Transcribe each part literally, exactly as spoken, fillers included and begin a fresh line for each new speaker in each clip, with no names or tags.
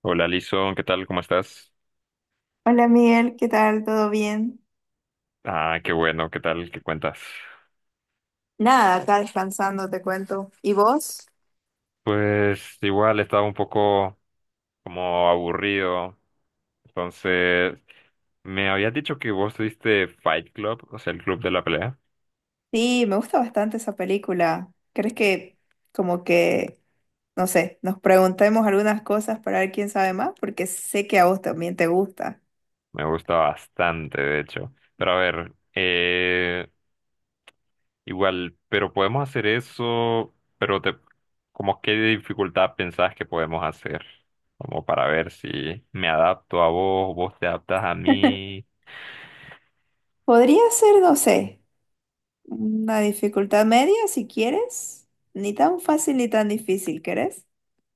Hola, Lison, ¿qué tal? ¿Cómo estás?
Hola Miguel, ¿qué tal? ¿Todo bien?
Ah, qué bueno, ¿qué tal? ¿Qué cuentas?
Nada, acá descansando, te cuento. ¿Y vos?
Pues igual estaba un poco como aburrido. Entonces, me habías dicho que vos tuviste Fight Club, o sea, el club de la pelea.
Sí, me gusta bastante esa película. ¿Crees que como que, no sé, nos preguntemos algunas cosas para ver quién sabe más? Porque sé que a vos también te gusta.
Me gusta bastante, de hecho. Pero a ver, eh, igual, pero podemos hacer eso, pero te, como qué dificultad pensás que podemos hacer, como para ver si me adapto a vos, vos te adaptas a mí.
Podría ser, no sé. Una dificultad media, si quieres. Ni tan fácil ni tan difícil, ¿querés?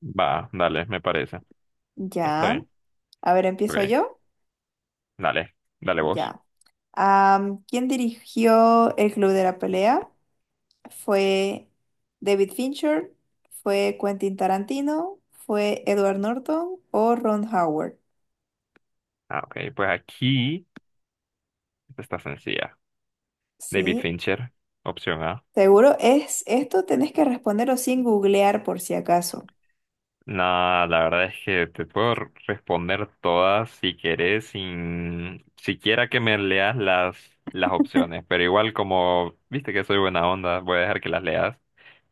Va, dale, me parece. Está
Ya.
bien.
A ver, empiezo
Ok,
yo.
dale, dale vos.
Ya. Am, ¿quién dirigió el Club de la Pelea? ¿Fue David Fincher? ¿Fue Quentin Tarantino? ¿Fue Edward Norton o Ron Howard?
Ah, ok, pues aquí esta está sencilla. David
Sí.
Fincher, opción A.
Seguro es esto, tenés que responderlo sin googlear por si acaso.
Nada, la verdad es que te puedo r- responder todas si querés, sin siquiera que me leas las, las opciones. Pero igual como viste que soy buena onda, voy a dejar que las leas.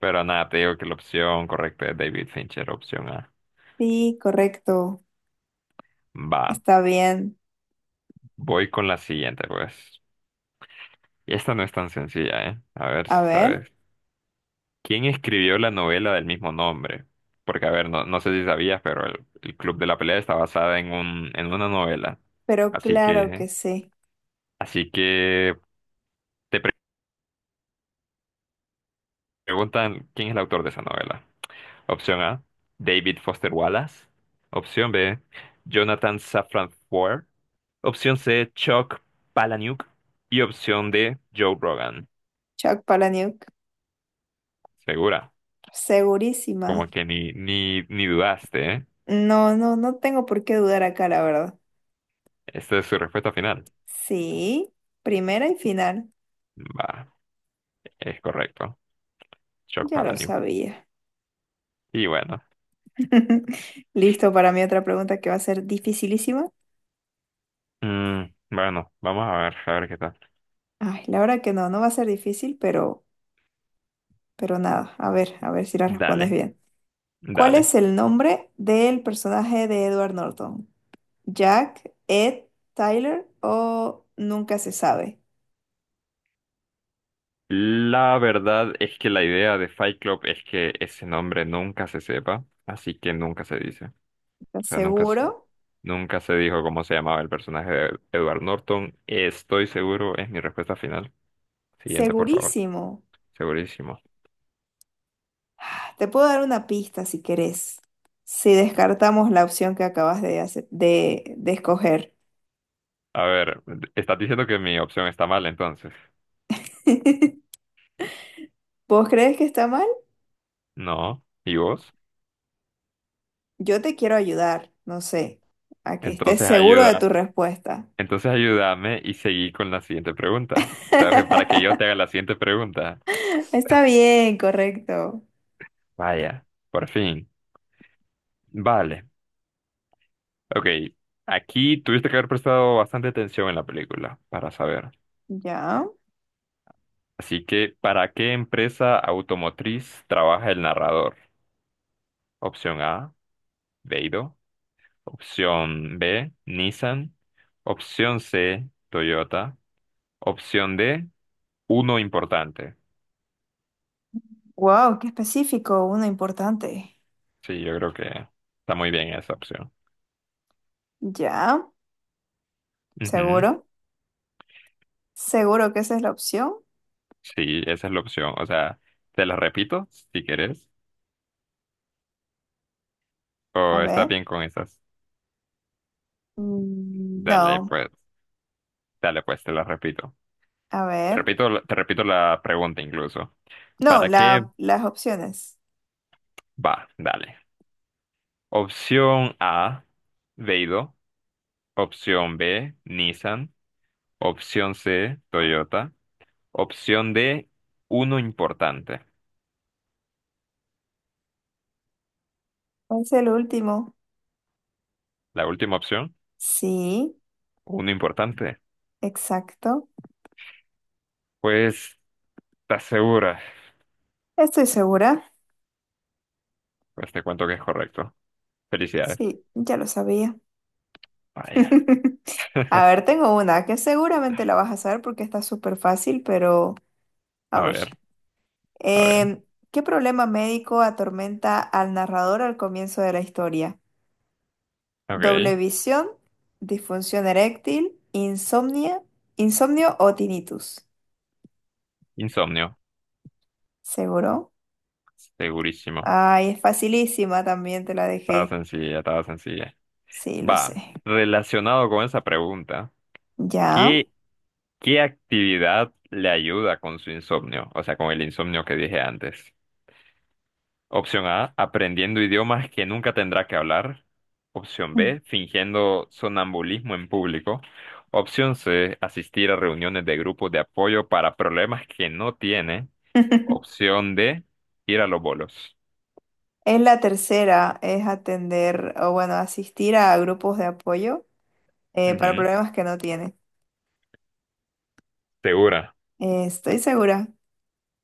Pero nada, te digo que la opción correcta es David Fincher, opción A.
Sí, correcto.
Va,
Está bien.
voy con la siguiente, pues. Y esta no es tan sencilla, ¿eh? A ver
A
si
ver,
sabes. ¿Quién escribió la novela del mismo nombre? Porque, a ver, no, no sé si sabías, pero el, el Club de la Pelea está basada en un, en una novela.
pero
Así
claro que
que,
sí.
así que te pre- preguntan quién es el autor de esa novela. Opción A, David Foster Wallace. Opción B, Jonathan Safran Foer. Opción C, Chuck Palahniuk. Y opción D, Joe Rogan.
Chuck Palahniuk,
Segura,
segurísima.
como que ni, ni, ni dudaste, ¿eh?
No, no, no tengo por qué dudar acá, la verdad.
Esta es su respuesta final.
Sí, primera y final.
Va, es correcto. Shock
Ya lo
Palahniuk.
sabía.
Y bueno,
Listo para mi otra pregunta que va a ser dificilísima.
mm, bueno, vamos a ver, a ver qué tal.
Ay, la verdad que no, no va a ser difícil, pero, pero nada. A ver, a ver si la respondes
Dale,
bien. ¿Cuál
dale.
es el nombre del personaje de Edward Norton? ¿Jack, Ed, Tyler o nunca se sabe?
La verdad es que la idea de Fight Club es que ese nombre nunca se sepa, así que nunca se dice. O
¿Estás
sea, nunca se,
seguro?
nunca se dijo cómo se llamaba el personaje de Edward Norton. Estoy seguro, es mi respuesta final. Siguiente, por favor.
Segurísimo.
Segurísimo.
Te puedo dar una pista si querés, si descartamos la opción que acabas de hacer- de, de escoger.
A ver, estás diciendo que mi opción está mal, entonces.
¿Vos crees que está mal?
No. ¿Y vos?
Yo te quiero ayudar, no sé, a que estés
Entonces
seguro de
ayuda.
tu respuesta.
Entonces ayúdame y seguí con la siguiente pregunta. ¿Sabes? Que para que yo te haga la siguiente pregunta.
Está bien, correcto.
Vaya, por fin. Vale. Ok. Aquí tuviste que haber prestado bastante atención en la película para saber.
Ya.
Así que, ¿para qué empresa automotriz trabaja el narrador? Opción A, Beidou. Opción B, Nissan. Opción C, Toyota. Opción D, uno importante.
Wow, qué específico, uno importante.
Sí, yo creo que está muy bien esa opción.
Ya,
Ujú.
seguro. Seguro que esa es la opción.
Sí, esa es la opción. O sea, te las repito si quieres.
A
O estás
ver.
bien con esas.
Mm,
Dale,
No,
pues, dale, pues, te las repito.
a
Te
ver.
repito, la- te repito la pregunta incluso.
No,
¿Para qué
la, las opciones.
va? Dale. Opción A, Veido. Opción B, Nissan. Opción C, Toyota. Opción D, uno importante.
Es el último.
La última opción,
Sí,
uno importante.
exacto.
Pues, ¿estás segura?
Estoy segura.
Pues te cuento que es correcto. Felicidades.
Sí, ya lo sabía.
Vaya.
A ver, tengo una que seguramente la vas a saber porque está súper fácil, pero a
A
ver.
ver. A ver,
Em, ¿Qué problema médico atormenta al narrador al comienzo de la historia? ¿Doble
ok.
visión, disfunción eréctil, insomnia, insomnio o tinnitus?
Insomnio,
¿Seguro?
segurísimo.
Ay, es facilísima, también te la
Estaba
dejé.
sencilla, estaba sencilla.
Sí, lo
Va,
sé.
relacionado con esa pregunta,
Ya.
¿qué, qué actividad le ayuda con su insomnio? O sea, con el insomnio que dije antes. Opción A, aprendiendo idiomas que nunca tendrá que hablar. Opción
Mm.
B, fingiendo sonambulismo en público. Opción C, asistir a reuniones de grupos de apoyo para problemas que no tiene. Opción D, ir a los bolos.
Es la tercera, es atender o bueno, asistir a grupos de apoyo eh, para
Ujú.
problemas que no tiene.
¿Segura?
Eh, estoy segura.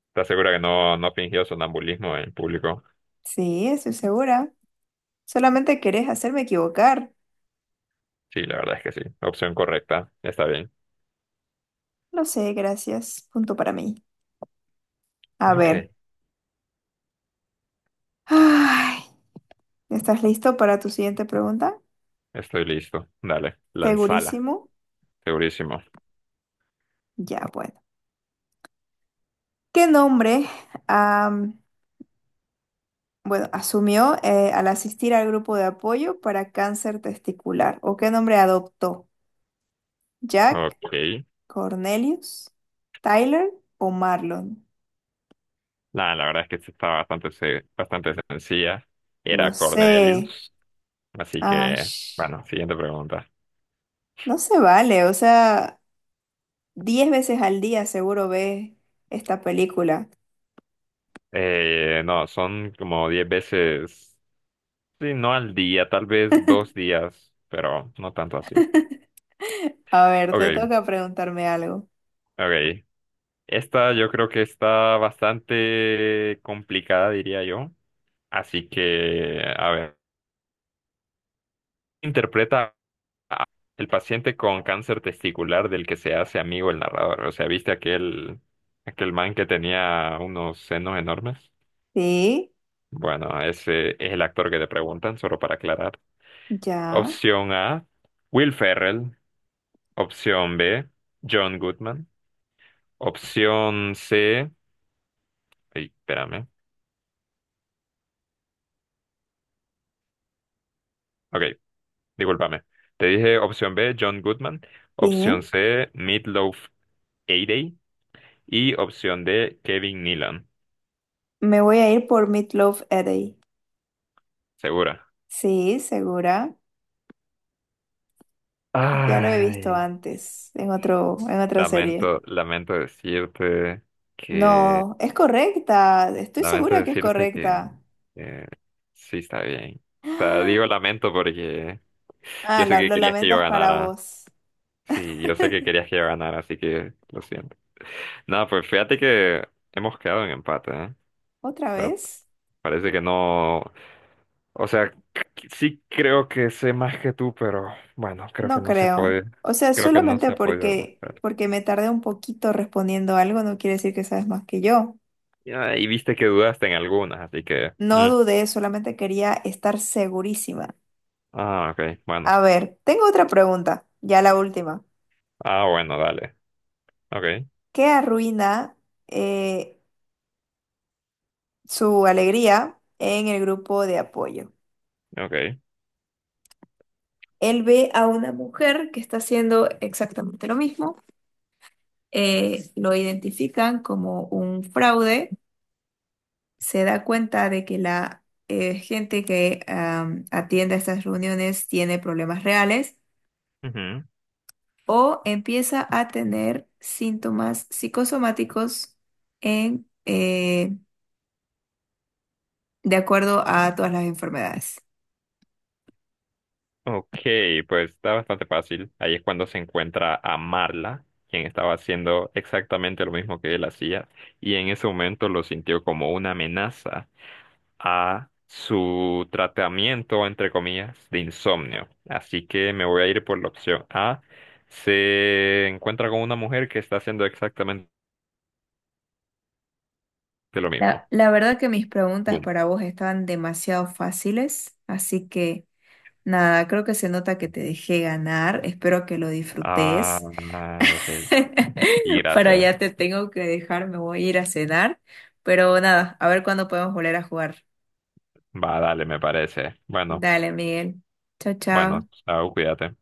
¿Estás segura que no, no fingió sonambulismo en público?
Sí, estoy segura. Solamente querés hacerme equivocar.
Sí, la verdad es que sí. Opción correcta. Está bien.
Lo sé, gracias. Punto para mí. A
Ok,
ver. Ay, ¿estás listo para tu siguiente pregunta?
estoy listo. Dale, lanzala.
Segurísimo.
Segurísimo.
Ya, bueno. ¿Qué nombre, am, bueno, asumió eh, al asistir al grupo de apoyo para cáncer testicular? ¿O qué nombre adoptó? ¿Jack?
Ok.
Cornelius, Tyler o Marlon.
Nah, la verdad es que esta está bastante, se- bastante sencilla.
Lo
Era
sé.
Cornelius. Así que,
Ash,
bueno, siguiente pregunta.
no se vale. O sea, diez veces al día seguro ves esta película.
Eh, no, son como diez veces, sí, no al día, tal vez dos días, pero no tanto así.
A ver, te
Ok,
toca preguntarme algo.
ok. Esta yo creo que está bastante complicada, diría yo. Así que, a ver, interpreta el paciente con cáncer testicular del que se hace amigo el narrador. O sea, ¿viste aquel, aquel man que tenía unos senos enormes?
Sí,
Bueno, ese es el actor que te preguntan, solo para aclarar.
ya,
Opción A, Will Ferrell. Opción B, John Goodman. Opción C, ay, espérame. Ok. Discúlpame. Te dije opción B, John Goodman. Opción
sí.
C, Meatloaf Hayday. Y opción D, Kevin Nealon.
Me voy a ir por Meatloaf Eddy.
Segura.
Sí, segura. Ya lo he visto
Ay,
antes, en otro, en otra serie.
Lamento, lamento decirte que,
No, es correcta. Estoy
lamento
segura que es
decirte que,
correcta.
eh, sí está bien. O sea, digo lamento porque
Ah,
yo sé
la-
que
lo
querías que yo
lamentas para
ganara.
vos.
Sí, yo sé que querías que yo ganara, así que lo siento. No, pues fíjate que hemos quedado en empate, ¿eh?
¿Otra vez?
Parece que no. O sea, c- sí creo que sé más que tú, pero bueno, creo que
No
no se ha
creo.
podido.
O sea,
Creo que no
solamente
se ha podido
porque,
demostrar.
porque me tardé un poquito respondiendo algo no quiere decir que sabes más que yo.
Ya, y viste que dudaste en algunas, así que.
No
Mm.
dudé, solamente quería estar segurísima.
Ah, ok, bueno.
A ver, tengo otra pregunta, ya la última.
Ah, bueno, dale. Ok,
¿Qué arruina eh, su alegría en el grupo de apoyo?
ok.
Él ve a una mujer que está haciendo exactamente lo mismo, eh, lo identifican como un fraude, se da cuenta de que la eh, gente que am, atiende a estas reuniones tiene problemas reales
Ujú.
o empieza a tener síntomas psicosomáticos en, eh, de acuerdo a todas las enfermedades.
Ok, pues está bastante fácil. Ahí es cuando se encuentra a Marla, quien estaba haciendo exactamente lo mismo que él hacía, y en ese momento lo sintió como una amenaza a su tratamiento, entre comillas, de insomnio. Así que me voy a ir por la opción A. Se encuentra con una mujer que está haciendo exactamente lo mismo.
La, la verdad que mis preguntas
Boom.
para vos estaban demasiado fáciles, así que nada, creo que se nota que te dejé ganar, espero que lo
Ah,
disfrutes.
ok. Y
Para
gracias.
allá te tengo que dejar, me voy a ir a cenar, pero nada, a ver cuándo podemos volver a jugar.
Va, dale, me parece. Bueno,
Dale, Miguel. Chao,
bueno,
chao.
chao, cuídate.